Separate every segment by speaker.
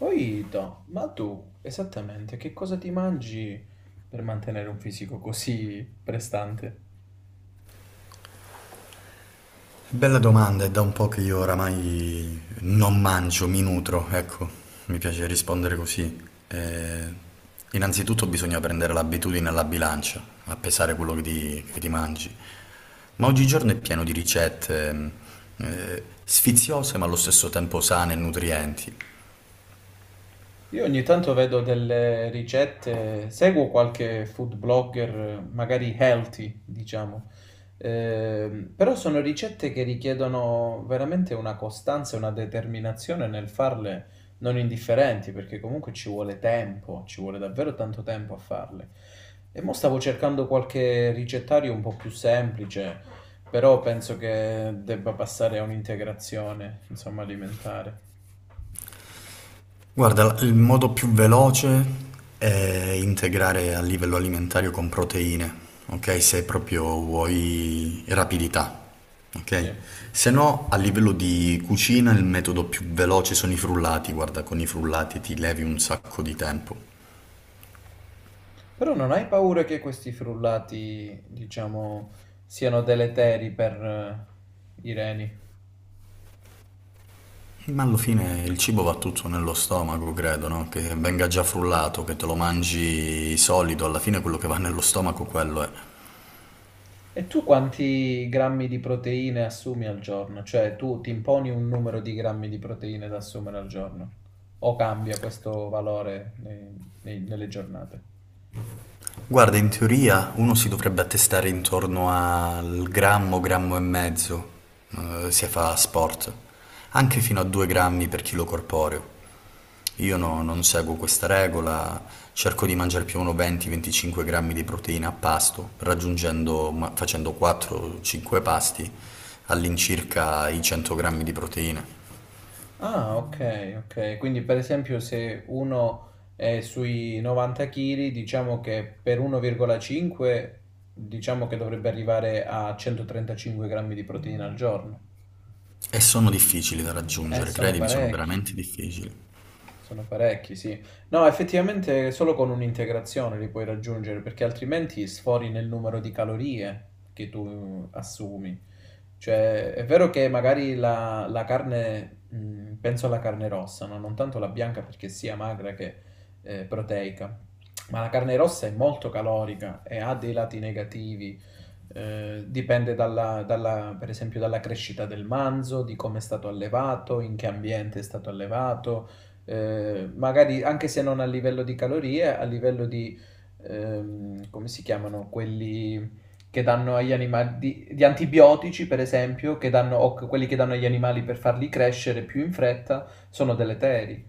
Speaker 1: Oito, ma tu esattamente che cosa ti mangi per mantenere un fisico così prestante?
Speaker 2: Bella domanda, è da un po' che io oramai non mangio, mi nutro, ecco, mi piace rispondere così. Eh, Innanzitutto bisogna prendere l'abitudine alla bilancia, a pesare quello che ti mangi. Ma oggigiorno è pieno di ricette, sfiziose ma allo stesso tempo sane e nutrienti.
Speaker 1: Io ogni tanto vedo delle ricette, seguo qualche food blogger, magari healthy, diciamo. Però sono ricette che richiedono veramente una costanza e una determinazione nel farle non indifferenti, perché comunque ci vuole tempo, ci vuole davvero tanto tempo a farle. E mo stavo cercando qualche ricettario un po' più semplice, però penso che debba passare a un'integrazione, insomma, alimentare.
Speaker 2: Guarda, il modo più veloce è integrare a livello alimentare con proteine, ok? Se proprio vuoi rapidità, ok?
Speaker 1: Sì.
Speaker 2: Se no, a livello di cucina il metodo più veloce sono i frullati, guarda, con i frullati ti levi un sacco di tempo.
Speaker 1: Però non hai paura che questi frullati, diciamo, siano deleteri per i reni?
Speaker 2: Ma alla fine il cibo va tutto nello stomaco, credo, no? Che venga già frullato, che te lo mangi solido, alla fine quello che va nello stomaco quello è.
Speaker 1: E tu quanti grammi di proteine assumi al giorno? Cioè, tu ti imponi un numero di grammi di proteine da assumere al giorno? O cambia questo valore nelle giornate?
Speaker 2: Guarda, in teoria uno si dovrebbe attestare intorno al grammo, grammo e mezzo, se fa sport, anche fino a 2 grammi per chilo corporeo. Io non seguo questa regola, cerco di mangiare più o meno 20-25 grammi di proteina a pasto, raggiungendo, facendo 4-5 pasti, all'incirca i 100 grammi di proteina.
Speaker 1: Ah, ok, ok. Quindi per esempio se uno è sui 90 kg, diciamo che per 1,5 diciamo che dovrebbe arrivare a 135 grammi di proteina al giorno.
Speaker 2: E sono difficili da raggiungere,
Speaker 1: Sono
Speaker 2: credimi, sono
Speaker 1: parecchi.
Speaker 2: veramente difficili.
Speaker 1: Sono parecchi, sì. No, effettivamente solo con un'integrazione li puoi raggiungere, perché altrimenti sfori nel numero di calorie che tu assumi. Cioè, è vero che magari la carne, penso alla carne rossa, no? Non tanto la bianca perché sia magra che proteica, ma la carne rossa è molto calorica e ha dei lati negativi. Dipende per esempio dalla crescita del manzo, di come è stato allevato, in che ambiente è stato allevato, magari anche se non a livello di calorie, a livello di, come si chiamano quelli che danno agli animali, di antibiotici per esempio, che danno, o quelli che danno agli animali per farli crescere più in fretta, sono deleteri.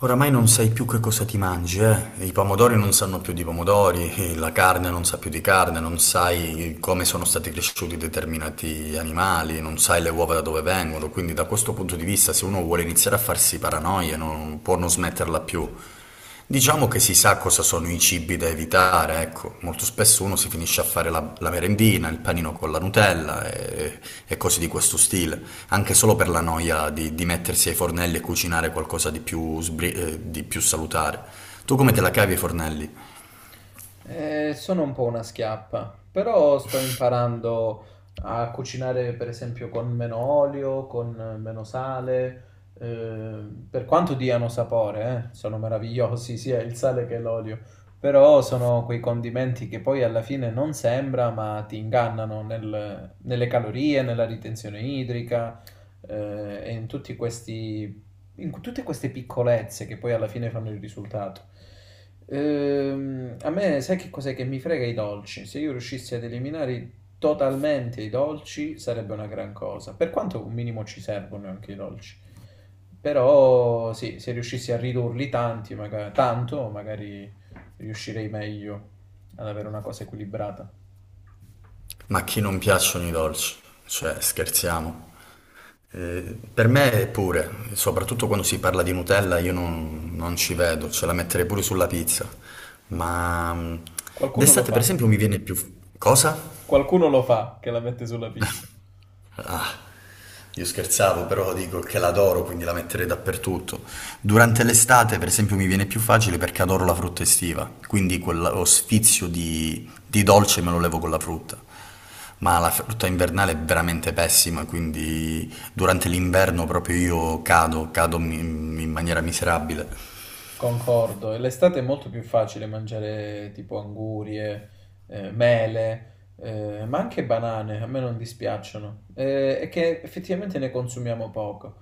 Speaker 2: Oramai non sai più che cosa ti mangi, eh? I pomodori non sanno più di pomodori, la carne non sa più di carne, non sai come sono stati cresciuti determinati animali, non sai le uova da dove vengono, quindi da questo punto di vista se uno vuole iniziare a farsi paranoie non può non smetterla più. Diciamo che si sa cosa sono i cibi da evitare, ecco, molto spesso uno si finisce a fare la merendina, il panino con la Nutella e cose di questo stile, anche solo per la noia di mettersi ai fornelli e cucinare qualcosa di più, di più salutare. Tu come te la cavi ai fornelli?
Speaker 1: Sono un po' una schiappa, però sto imparando a cucinare per esempio con meno olio, con meno sale, eh, per quanto diano sapore, sono meravigliosi sia il sale che l'olio, però sono quei condimenti che poi alla fine non sembra, ma ti ingannano nelle calorie, nella ritenzione idrica, e in tutti questi in tutte queste piccolezze che poi alla fine fanno il risultato. A me, sai che cos'è che mi frega i dolci? Se io riuscissi ad eliminare totalmente i dolci sarebbe una gran cosa. Per quanto un minimo ci servono anche i dolci. Però sì, se riuscissi a ridurli tanti, tanto, magari riuscirei meglio ad avere una cosa equilibrata.
Speaker 2: Ma a chi non piacciono i dolci? Cioè, scherziamo. Per me pure, soprattutto quando si parla di Nutella, io non ci vedo, ce la metterei pure sulla pizza. Ma
Speaker 1: Qualcuno lo
Speaker 2: d'estate, per
Speaker 1: fa.
Speaker 2: esempio, mi viene più... Cosa?
Speaker 1: Qualcuno lo fa che la mette sulla pizza.
Speaker 2: Io scherzavo, però dico che l'adoro, quindi la metterei dappertutto. Durante l'estate, per esempio, mi viene più facile perché adoro la frutta estiva, quindi quello sfizio di dolce me lo levo con la frutta. Ma la frutta invernale è veramente pessima, quindi durante l'inverno proprio io cado in maniera miserabile.
Speaker 1: Concordo, e l'estate è molto più facile mangiare tipo angurie, mele, ma anche banane, a me non dispiacciono, e che effettivamente ne consumiamo poco.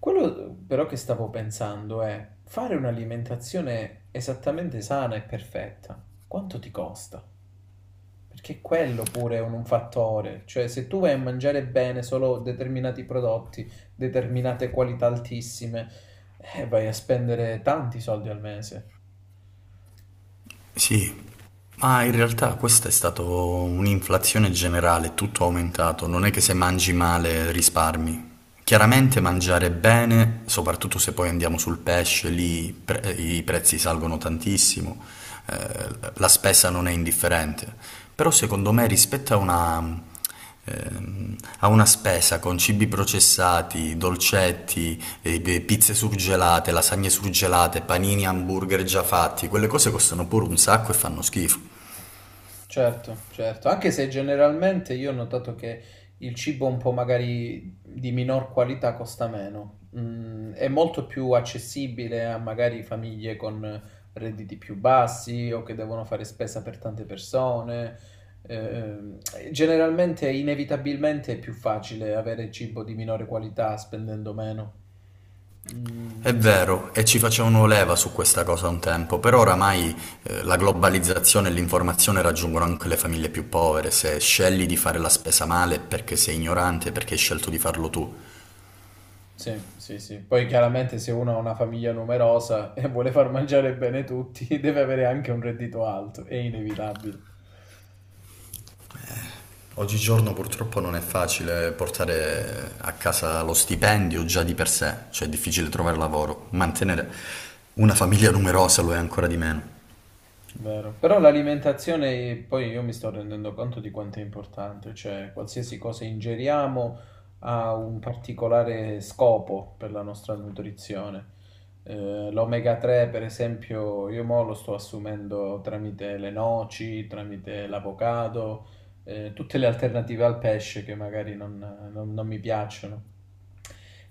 Speaker 1: Quello però che stavo pensando è fare un'alimentazione esattamente sana e perfetta, quanto ti costa? Perché quello pure è un fattore, cioè se tu vai a mangiare bene solo determinati prodotti, determinate qualità altissime, vai a spendere tanti soldi al mese.
Speaker 2: Sì, ma in realtà questa è stata un'inflazione generale, tutto aumentato, non è che se mangi male risparmi. Chiaramente mangiare bene, soprattutto se poi andiamo sul pesce, lì i prezzi salgono tantissimo, eh, la spesa non è indifferente, però secondo me rispetto a una spesa con cibi processati, dolcetti, e pizze surgelate, lasagne surgelate, panini, hamburger già fatti, quelle cose costano pure un sacco e fanno schifo.
Speaker 1: Certo, certo, anche se generalmente io ho notato che il cibo un po' magari di minor qualità costa meno. Mm, è molto più accessibile a magari famiglie con redditi più bassi o che devono fare spesa per tante persone. Ehm, Generalmente, inevitabilmente è più facile avere cibo di minore qualità spendendo meno.
Speaker 2: È
Speaker 1: Mm, sì.
Speaker 2: vero, e ci facevano leva su questa cosa un tempo, però oramai la globalizzazione e l'informazione raggiungono anche le famiglie più povere. Se scegli di fare la spesa male è perché sei ignorante, perché hai scelto di farlo tu.
Speaker 1: Sì, sì, sì. Poi chiaramente se uno ha una famiglia numerosa e vuole far mangiare bene tutti, deve avere anche un reddito alto, è inevitabile.
Speaker 2: Oggigiorno purtroppo non è facile portare a casa lo stipendio già di per sé, cioè è difficile trovare lavoro. Mantenere una famiglia numerosa lo è ancora di meno.
Speaker 1: Vero. Però l'alimentazione, poi io mi sto rendendo conto di quanto è importante, cioè qualsiasi cosa ingeriamo ha un particolare scopo per la nostra nutrizione. L'omega 3, per esempio, io mo lo sto assumendo tramite le noci, tramite l'avocado, tutte le alternative al pesce che magari non mi piacciono.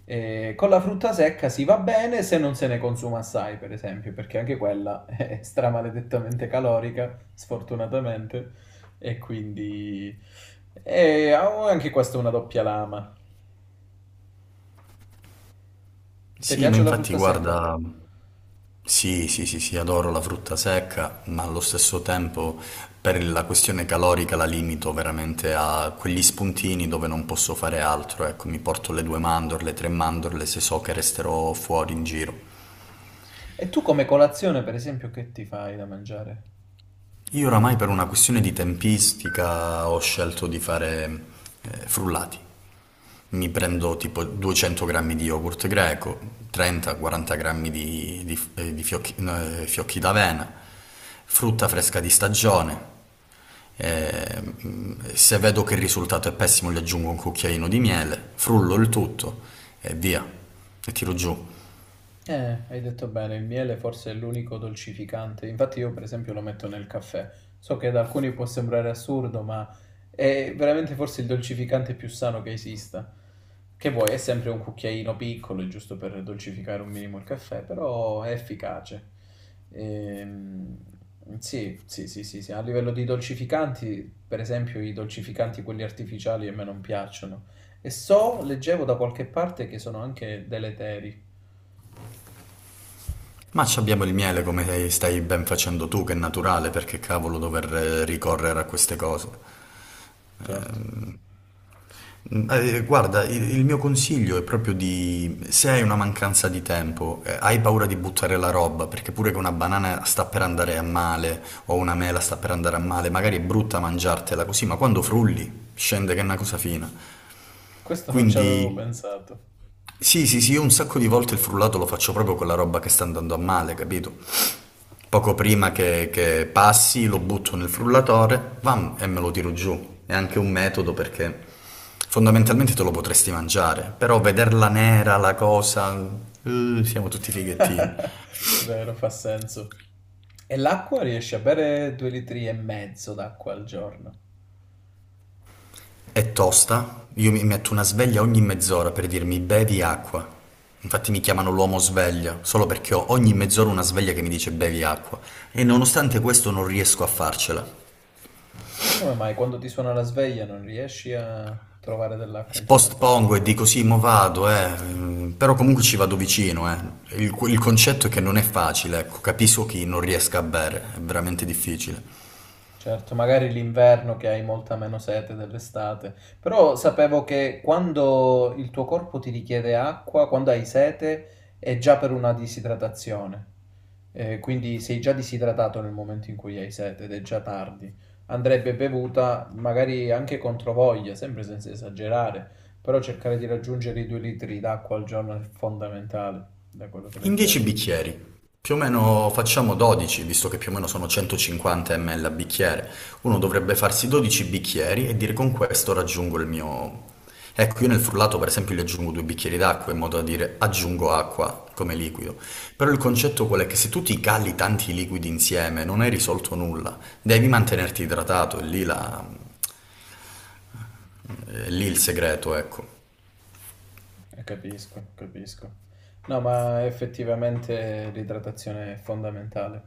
Speaker 1: Con la frutta secca si va bene se non se ne consuma assai, per esempio, perché anche quella è stramaledettamente calorica, sfortunatamente, e quindi... E ha anche questa una doppia lama. Ti
Speaker 2: Sì, ma
Speaker 1: piace la
Speaker 2: infatti
Speaker 1: frutta secca?
Speaker 2: guarda, sì, sì, sì, sì, adoro la frutta secca, ma allo stesso tempo per la questione calorica la limito veramente a quegli spuntini dove non posso fare altro, ecco, mi porto le due mandorle, tre mandorle se so che resterò fuori in giro.
Speaker 1: E tu come colazione, per esempio, che ti fai da mangiare?
Speaker 2: Io oramai per una questione di tempistica ho scelto di fare frullati. Mi prendo tipo 200 grammi di yogurt greco, 30-40 grammi di fiocchi, no, fiocchi d'avena, frutta fresca di stagione. Se vedo che il risultato è pessimo, gli aggiungo un cucchiaino di miele, frullo il tutto e via, e tiro giù.
Speaker 1: Hai detto bene, il miele forse è l'unico dolcificante. Infatti io, per esempio, lo metto nel caffè. So che ad alcuni può sembrare assurdo, ma è veramente forse il dolcificante più sano che esista. Che vuoi, è sempre un cucchiaino piccolo, giusto per dolcificare un minimo il caffè, però è efficace. Ehm, sì, sì, sì, sì, sì. A livello di dolcificanti, per esempio, i dolcificanti quelli artificiali a me non piacciono. E so, leggevo da qualche parte che sono anche deleteri,
Speaker 2: Ma ci abbiamo il miele come stai ben facendo tu, che è naturale, perché cavolo dover ricorrere a queste cose.
Speaker 1: certo.
Speaker 2: Ehm, guarda, il mio consiglio è proprio di, se hai una mancanza di tempo, hai paura di buttare la roba, perché pure che una banana sta per andare a male o una mela sta per andare a male, magari è brutta mangiartela così, ma quando frulli scende che è una cosa fina.
Speaker 1: Questo non ci avevo
Speaker 2: Quindi
Speaker 1: pensato.
Speaker 2: sì, sì, sì, io un sacco di volte il frullato lo faccio proprio con la roba che sta andando a male, capito? Poco prima che passi lo butto nel frullatore, bam, e me lo tiro giù. È anche un metodo perché fondamentalmente te lo potresti mangiare, però vederla nera, la cosa, siamo tutti fighettini.
Speaker 1: Vero, fa senso. E l'acqua riesci a bere 2,5 litri d'acqua al giorno.
Speaker 2: È tosta, io mi metto una sveglia ogni mezz'ora per dirmi bevi acqua. Infatti mi chiamano l'uomo sveglia, solo perché ho ogni mezz'ora una sveglia che mi dice bevi acqua. E nonostante questo non riesco a farcela.
Speaker 1: E come mai quando ti suona la sveglia non riesci a trovare dell'acqua intorno a te?
Speaker 2: Postpongo e dico sì, mo vado, eh. Però comunque ci vado vicino, eh. Il concetto è che non è facile, ecco, capisco chi non riesca a bere, è veramente difficile.
Speaker 1: Certo, magari l'inverno che hai molta meno sete dell'estate, però sapevo che quando il tuo corpo ti richiede acqua, quando hai sete, è già per una disidratazione. Quindi sei già disidratato nel momento in cui hai sete ed è già tardi. Andrebbe bevuta magari anche contro voglia, sempre senza esagerare, però cercare di raggiungere i 2 litri d'acqua al giorno è fondamentale, da quello che
Speaker 2: In 10
Speaker 1: leggevo.
Speaker 2: bicchieri, più o meno facciamo 12, visto che più o meno sono 150 ml a bicchiere. Uno dovrebbe farsi 12 bicchieri e dire con questo raggiungo il mio... Ecco, io nel frullato per esempio gli aggiungo due bicchieri d'acqua in modo da dire aggiungo acqua come liquido. Però il concetto qual è? Che se tu ti cali tanti liquidi insieme non hai risolto nulla, devi mantenerti idratato, è lì, è lì il segreto, ecco.
Speaker 1: Capisco, capisco. No, ma effettivamente l'idratazione è fondamentale.